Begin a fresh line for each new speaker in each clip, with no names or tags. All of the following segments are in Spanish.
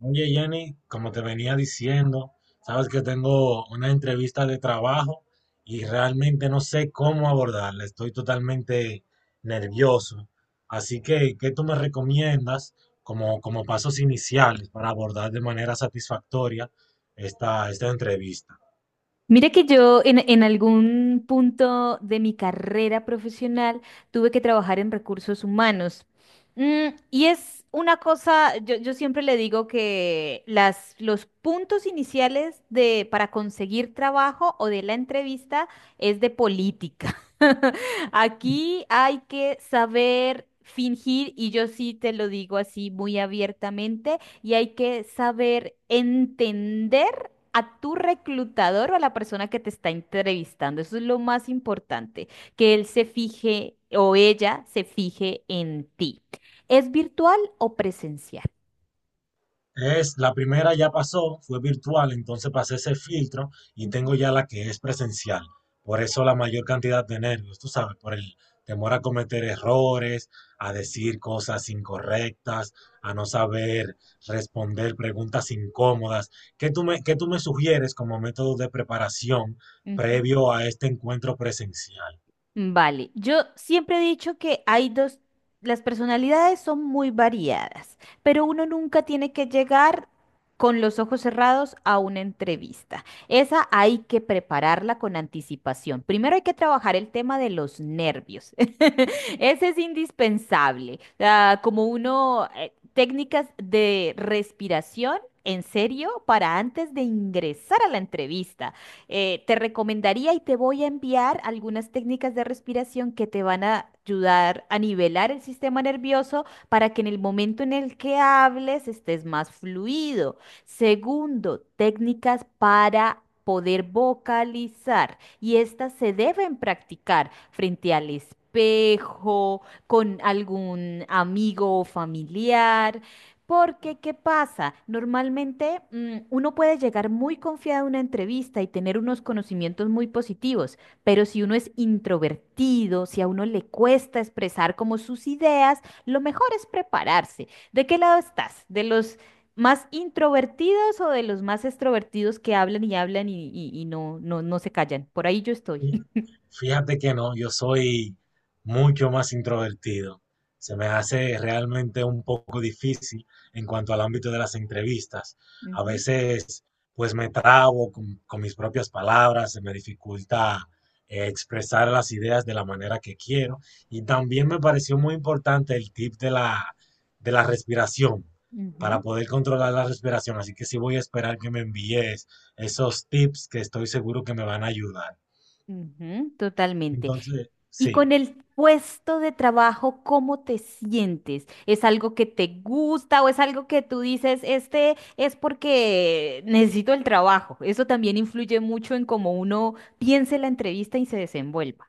Oye, Jenny, como te venía diciendo, sabes que tengo una entrevista de trabajo y realmente no sé cómo abordarla. Estoy totalmente nervioso. Así que, ¿qué tú me recomiendas como, como pasos iniciales para abordar de manera satisfactoria esta entrevista?
Mira que yo en algún punto de mi carrera profesional tuve que trabajar en recursos humanos. Y es una cosa, yo siempre le digo que los puntos iniciales para conseguir trabajo o de la entrevista es de política. Aquí hay que saber fingir, y yo sí te lo digo así muy abiertamente, y hay que saber entender a tu reclutador o a la persona que te está entrevistando. Eso es lo más importante, que él se fije o ella se fije en ti. ¿Es virtual o presencial?
Es, la primera ya pasó, fue virtual, entonces pasé ese filtro y tengo
Ujú,
ya la que es presencial. Por eso la mayor cantidad de nervios, tú sabes, por el temor a cometer errores, a decir cosas incorrectas, a no saber responder preguntas incómodas. ¿Qué tú me sugieres como método de preparación
ujú.
previo a este encuentro presencial?
Vale, yo siempre he dicho que hay dos, las personalidades son muy variadas, pero uno nunca tiene que llegar con los ojos cerrados a una entrevista. Esa hay que prepararla con anticipación. Primero hay que trabajar el tema de los nervios. Ese es indispensable. Ah, como uno, técnicas de respiración. En serio, para antes de ingresar a la entrevista te recomendaría y te voy a enviar algunas técnicas de respiración que te van a ayudar a nivelar el sistema nervioso para que en el momento en el que hables estés más fluido. Segundo, técnicas para poder vocalizar y estas se deben practicar frente al espejo, con algún amigo o familiar. Porque, ¿qué pasa? Normalmente uno puede llegar muy confiado a una entrevista y tener unos conocimientos muy positivos, pero si uno es introvertido, si a uno le cuesta expresar como sus ideas, lo mejor es prepararse. ¿De qué lado estás? ¿De los más introvertidos o de los más extrovertidos que hablan y hablan y no, no, no se callan? Por ahí yo estoy.
Y Fíjate que no, yo soy mucho más introvertido. Se me hace realmente un poco difícil en cuanto al ámbito de las entrevistas. A
Ujú,
veces, pues me trabo con mis propias palabras, se me dificulta expresar las ideas de la manera que quiero. Y también me pareció muy importante el tip de la respiración, para
ujú.
poder controlar la respiración. Así que sí voy a esperar que me envíes esos tips que estoy seguro que me van a ayudar.
Ujú, totalmente.
Entonces,
Y
sí.
con el puesto de trabajo, ¿cómo te sientes? ¿Es algo que te gusta o es algo que tú dices, este es porque necesito el trabajo? Eso también influye mucho en cómo uno piense la entrevista y se desenvuelva.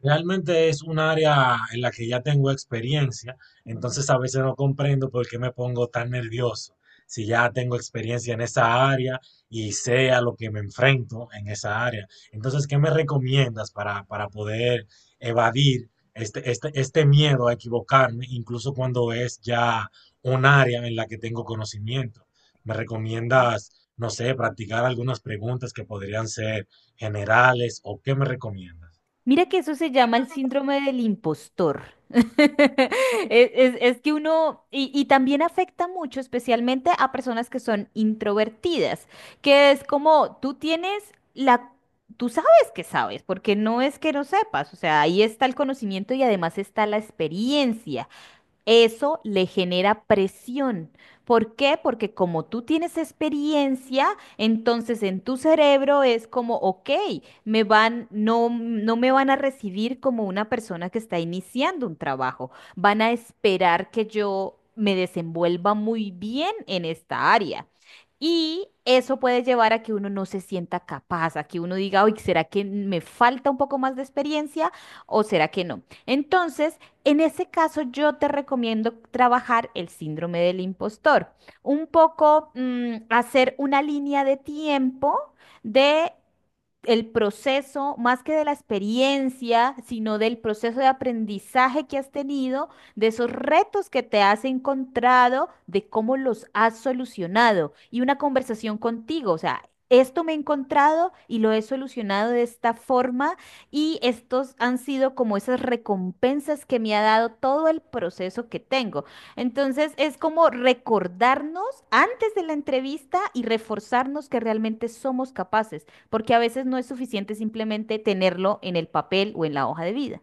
Realmente es un área en la que ya tengo experiencia,
Mm.
entonces a veces no comprendo por qué me pongo tan nervioso. Si ya tengo experiencia en esa área y sé a lo que me enfrento en esa área. Entonces, ¿qué me recomiendas para poder evadir este miedo a equivocarme, incluso cuando es ya un área en la que tengo conocimiento? ¿Me recomiendas, no sé, practicar algunas preguntas que podrían ser generales o qué me recomiendas?
Mira que eso se llama el síndrome del impostor. Es que uno, y también afecta mucho, especialmente a personas que son introvertidas, que es como tú tienes la, tú sabes que sabes, porque no es que no sepas, o sea, ahí está el conocimiento y además está la experiencia. Eso le genera presión. ¿Por qué? Porque como tú tienes experiencia, entonces en tu cerebro es como, ok, me van, no me van a recibir como una persona que está iniciando un trabajo. Van a esperar que yo me desenvuelva muy bien en esta área. Y eso puede llevar a que uno no se sienta capaz, a que uno diga, uy, ¿será que me falta un poco más de experiencia o será que no? Entonces, en ese caso, yo te recomiendo trabajar el síndrome del impostor. Un poco hacer una línea de tiempo de el proceso, más que de la experiencia, sino del proceso de aprendizaje que has tenido, de esos retos que te has encontrado, de cómo los has solucionado y una conversación contigo, o sea, esto me he encontrado y lo he solucionado de esta forma y estos han sido como esas recompensas que me ha dado todo el proceso que tengo. Entonces es como recordarnos antes de la entrevista y reforzarnos que realmente somos capaces porque a veces no es suficiente simplemente tenerlo en el papel o en la hoja de vida.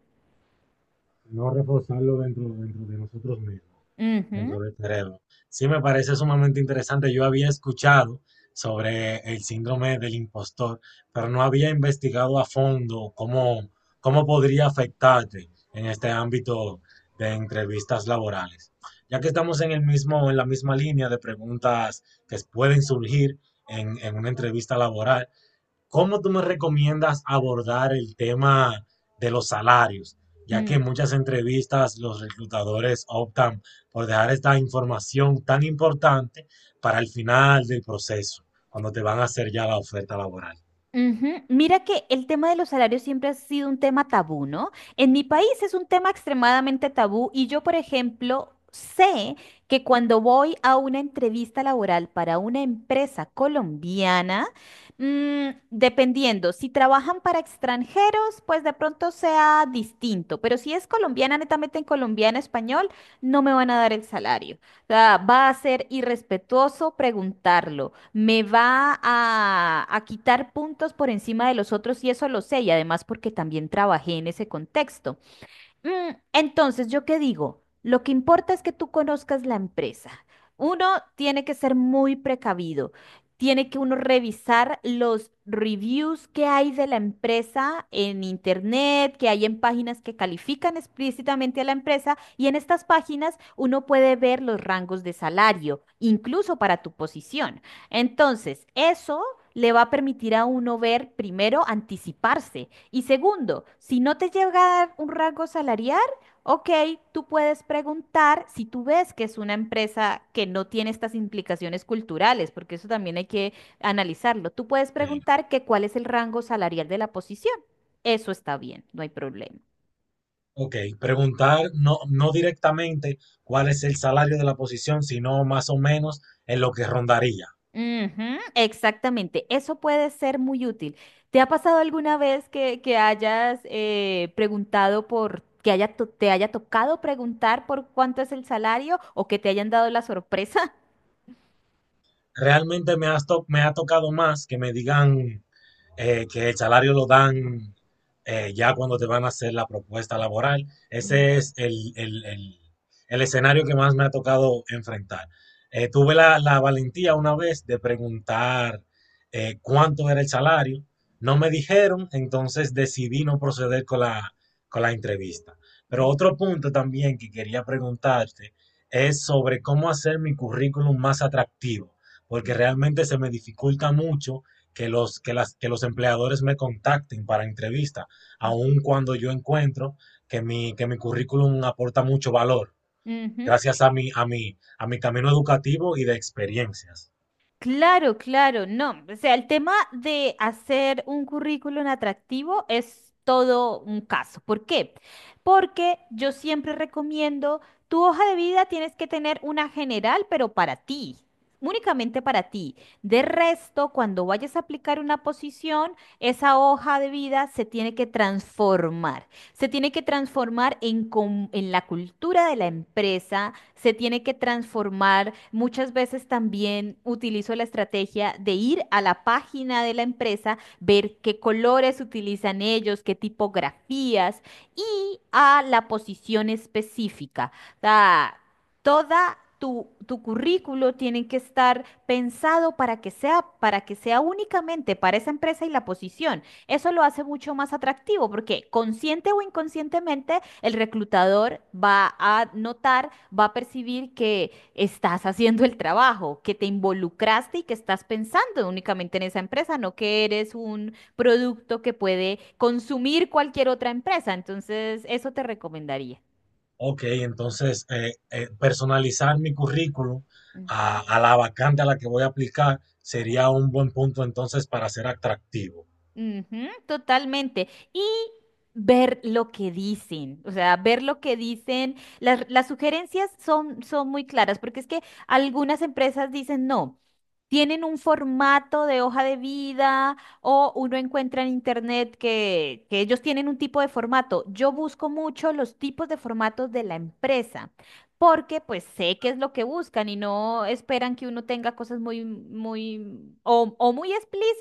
No reforzarlo dentro de nosotros mismos,
Ujú,
dentro del cerebro. Sí me parece sumamente interesante. Yo había escuchado sobre el síndrome del impostor, pero no había investigado a fondo cómo podría afectarte en este ámbito de entrevistas laborales. Ya que estamos en la misma línea de preguntas que pueden surgir en una entrevista laboral, ¿cómo tú me recomiendas abordar el tema de los salarios? Ya que
mm,
en muchas entrevistas los reclutadores optan por dejar esta información tan importante para el final del proceso, cuando te van a hacer ya la oferta laboral.
ujú. Mira que el tema de los salarios siempre ha sido un tema tabú, ¿no? En mi país es un tema extremadamente tabú y yo, por ejemplo, sé que cuando voy a una entrevista laboral para una empresa colombiana, dependiendo, si trabajan para extranjeros, pues de pronto sea distinto, pero si es colombiana, netamente en colombiano español, no me van a dar el salario. Sea, va a ser irrespetuoso preguntarlo, me va a quitar puntos por encima de los otros y eso lo sé, y además porque también trabajé en ese contexto. Entonces, ¿yo qué digo? Lo que importa es que tú conozcas la empresa. Uno tiene que ser muy precavido. Tiene que uno revisar los reviews que hay de la empresa en internet, que hay en páginas que califican explícitamente a la empresa y en estas páginas uno puede ver los rangos de salario, incluso para tu posición. Entonces, eso le va a permitir a uno ver, primero, anticiparse. Y segundo, si no te llega a dar un rango salarial, ok, tú puedes preguntar si tú ves que es una empresa que no tiene estas implicaciones culturales, porque eso también hay que analizarlo. Tú puedes
Eh,
preguntar que cuál es el rango salarial de la posición. Eso está bien, no hay problema.
ok, preguntar no, no directamente cuál es el salario de la posición, sino más o menos en lo que rondaría.
Ujú, exactamente, eso puede ser muy útil. ¿Te ha pasado alguna vez que hayas preguntado por, que haya te haya tocado preguntar por cuánto es el salario o que te hayan dado la sorpresa?
Realmente me, has to- Me ha tocado más que me digan que el salario lo dan ya cuando te van a hacer la propuesta laboral.
Ujú,
Ese es el escenario que más me ha tocado enfrentar. Tuve la valentía una vez de preguntar cuánto era el salario. No me dijeron, entonces decidí no proceder con la entrevista. Pero
ujú,
otro punto también que quería preguntarte es sobre cómo hacer mi currículum más atractivo, porque realmente se me dificulta mucho que los empleadores me contacten para entrevista,
ujú,
aun cuando yo encuentro que mi currículum aporta mucho valor,
ujú, ujú.
gracias a mi camino educativo y de experiencias.
Claro, claro, no. O sea, el tema de hacer un currículum atractivo es todo un caso. ¿Por qué? Porque yo siempre recomiendo, tu hoja de vida tienes que tener una general, pero para ti, únicamente para ti. De resto, cuando vayas a aplicar una posición, esa hoja de vida se tiene que transformar. Se tiene que transformar en, en la cultura de la empresa se tiene que transformar. Muchas veces también utilizo la estrategia de ir a la página de la empresa, ver qué colores utilizan ellos, qué tipografías y a la posición específica. O sea, toda tu, tu currículo tiene que estar pensado para que sea únicamente para esa empresa y la posición. Eso lo hace mucho más atractivo porque consciente o inconscientemente el reclutador va a notar, va a percibir que estás haciendo el trabajo, que te involucraste y que estás pensando únicamente en esa empresa, no que eres un producto que puede consumir cualquier otra empresa. Entonces, eso te recomendaría.
Ok, entonces personalizar mi currículum
Ujú.
a la vacante a la que voy a aplicar sería un buen punto entonces para ser atractivo.
Ujú, totalmente. Y ver lo que dicen, o sea, ver lo que dicen. Las sugerencias son muy claras, porque es que algunas empresas dicen no. Tienen un formato de hoja de vida o uno encuentra en internet que ellos tienen un tipo de formato. Yo busco mucho los tipos de formatos de la empresa porque pues sé qué es lo que buscan y no esperan que uno tenga cosas muy, muy o muy explícitas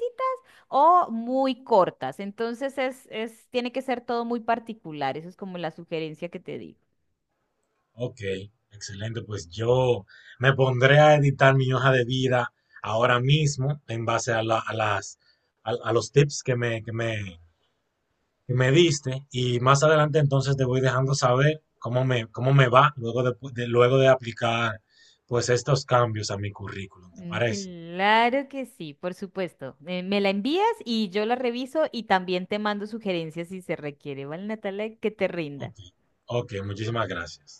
o muy cortas. Entonces tiene que ser todo muy particular. Eso es como la sugerencia que te digo.
Ok, excelente. Pues yo me pondré a editar mi hoja de vida ahora mismo en base a, la- a las, a los tips que me diste y más adelante entonces te voy dejando saber cómo me va luego de aplicar pues estos cambios a mi currículum, ¿te parece?
Claro que sí, por supuesto. Me la envías y yo la reviso y también te mando sugerencias si se requiere, ¿vale, Natalia? Que te rinda.
Ok, ok, muchísimas gracias.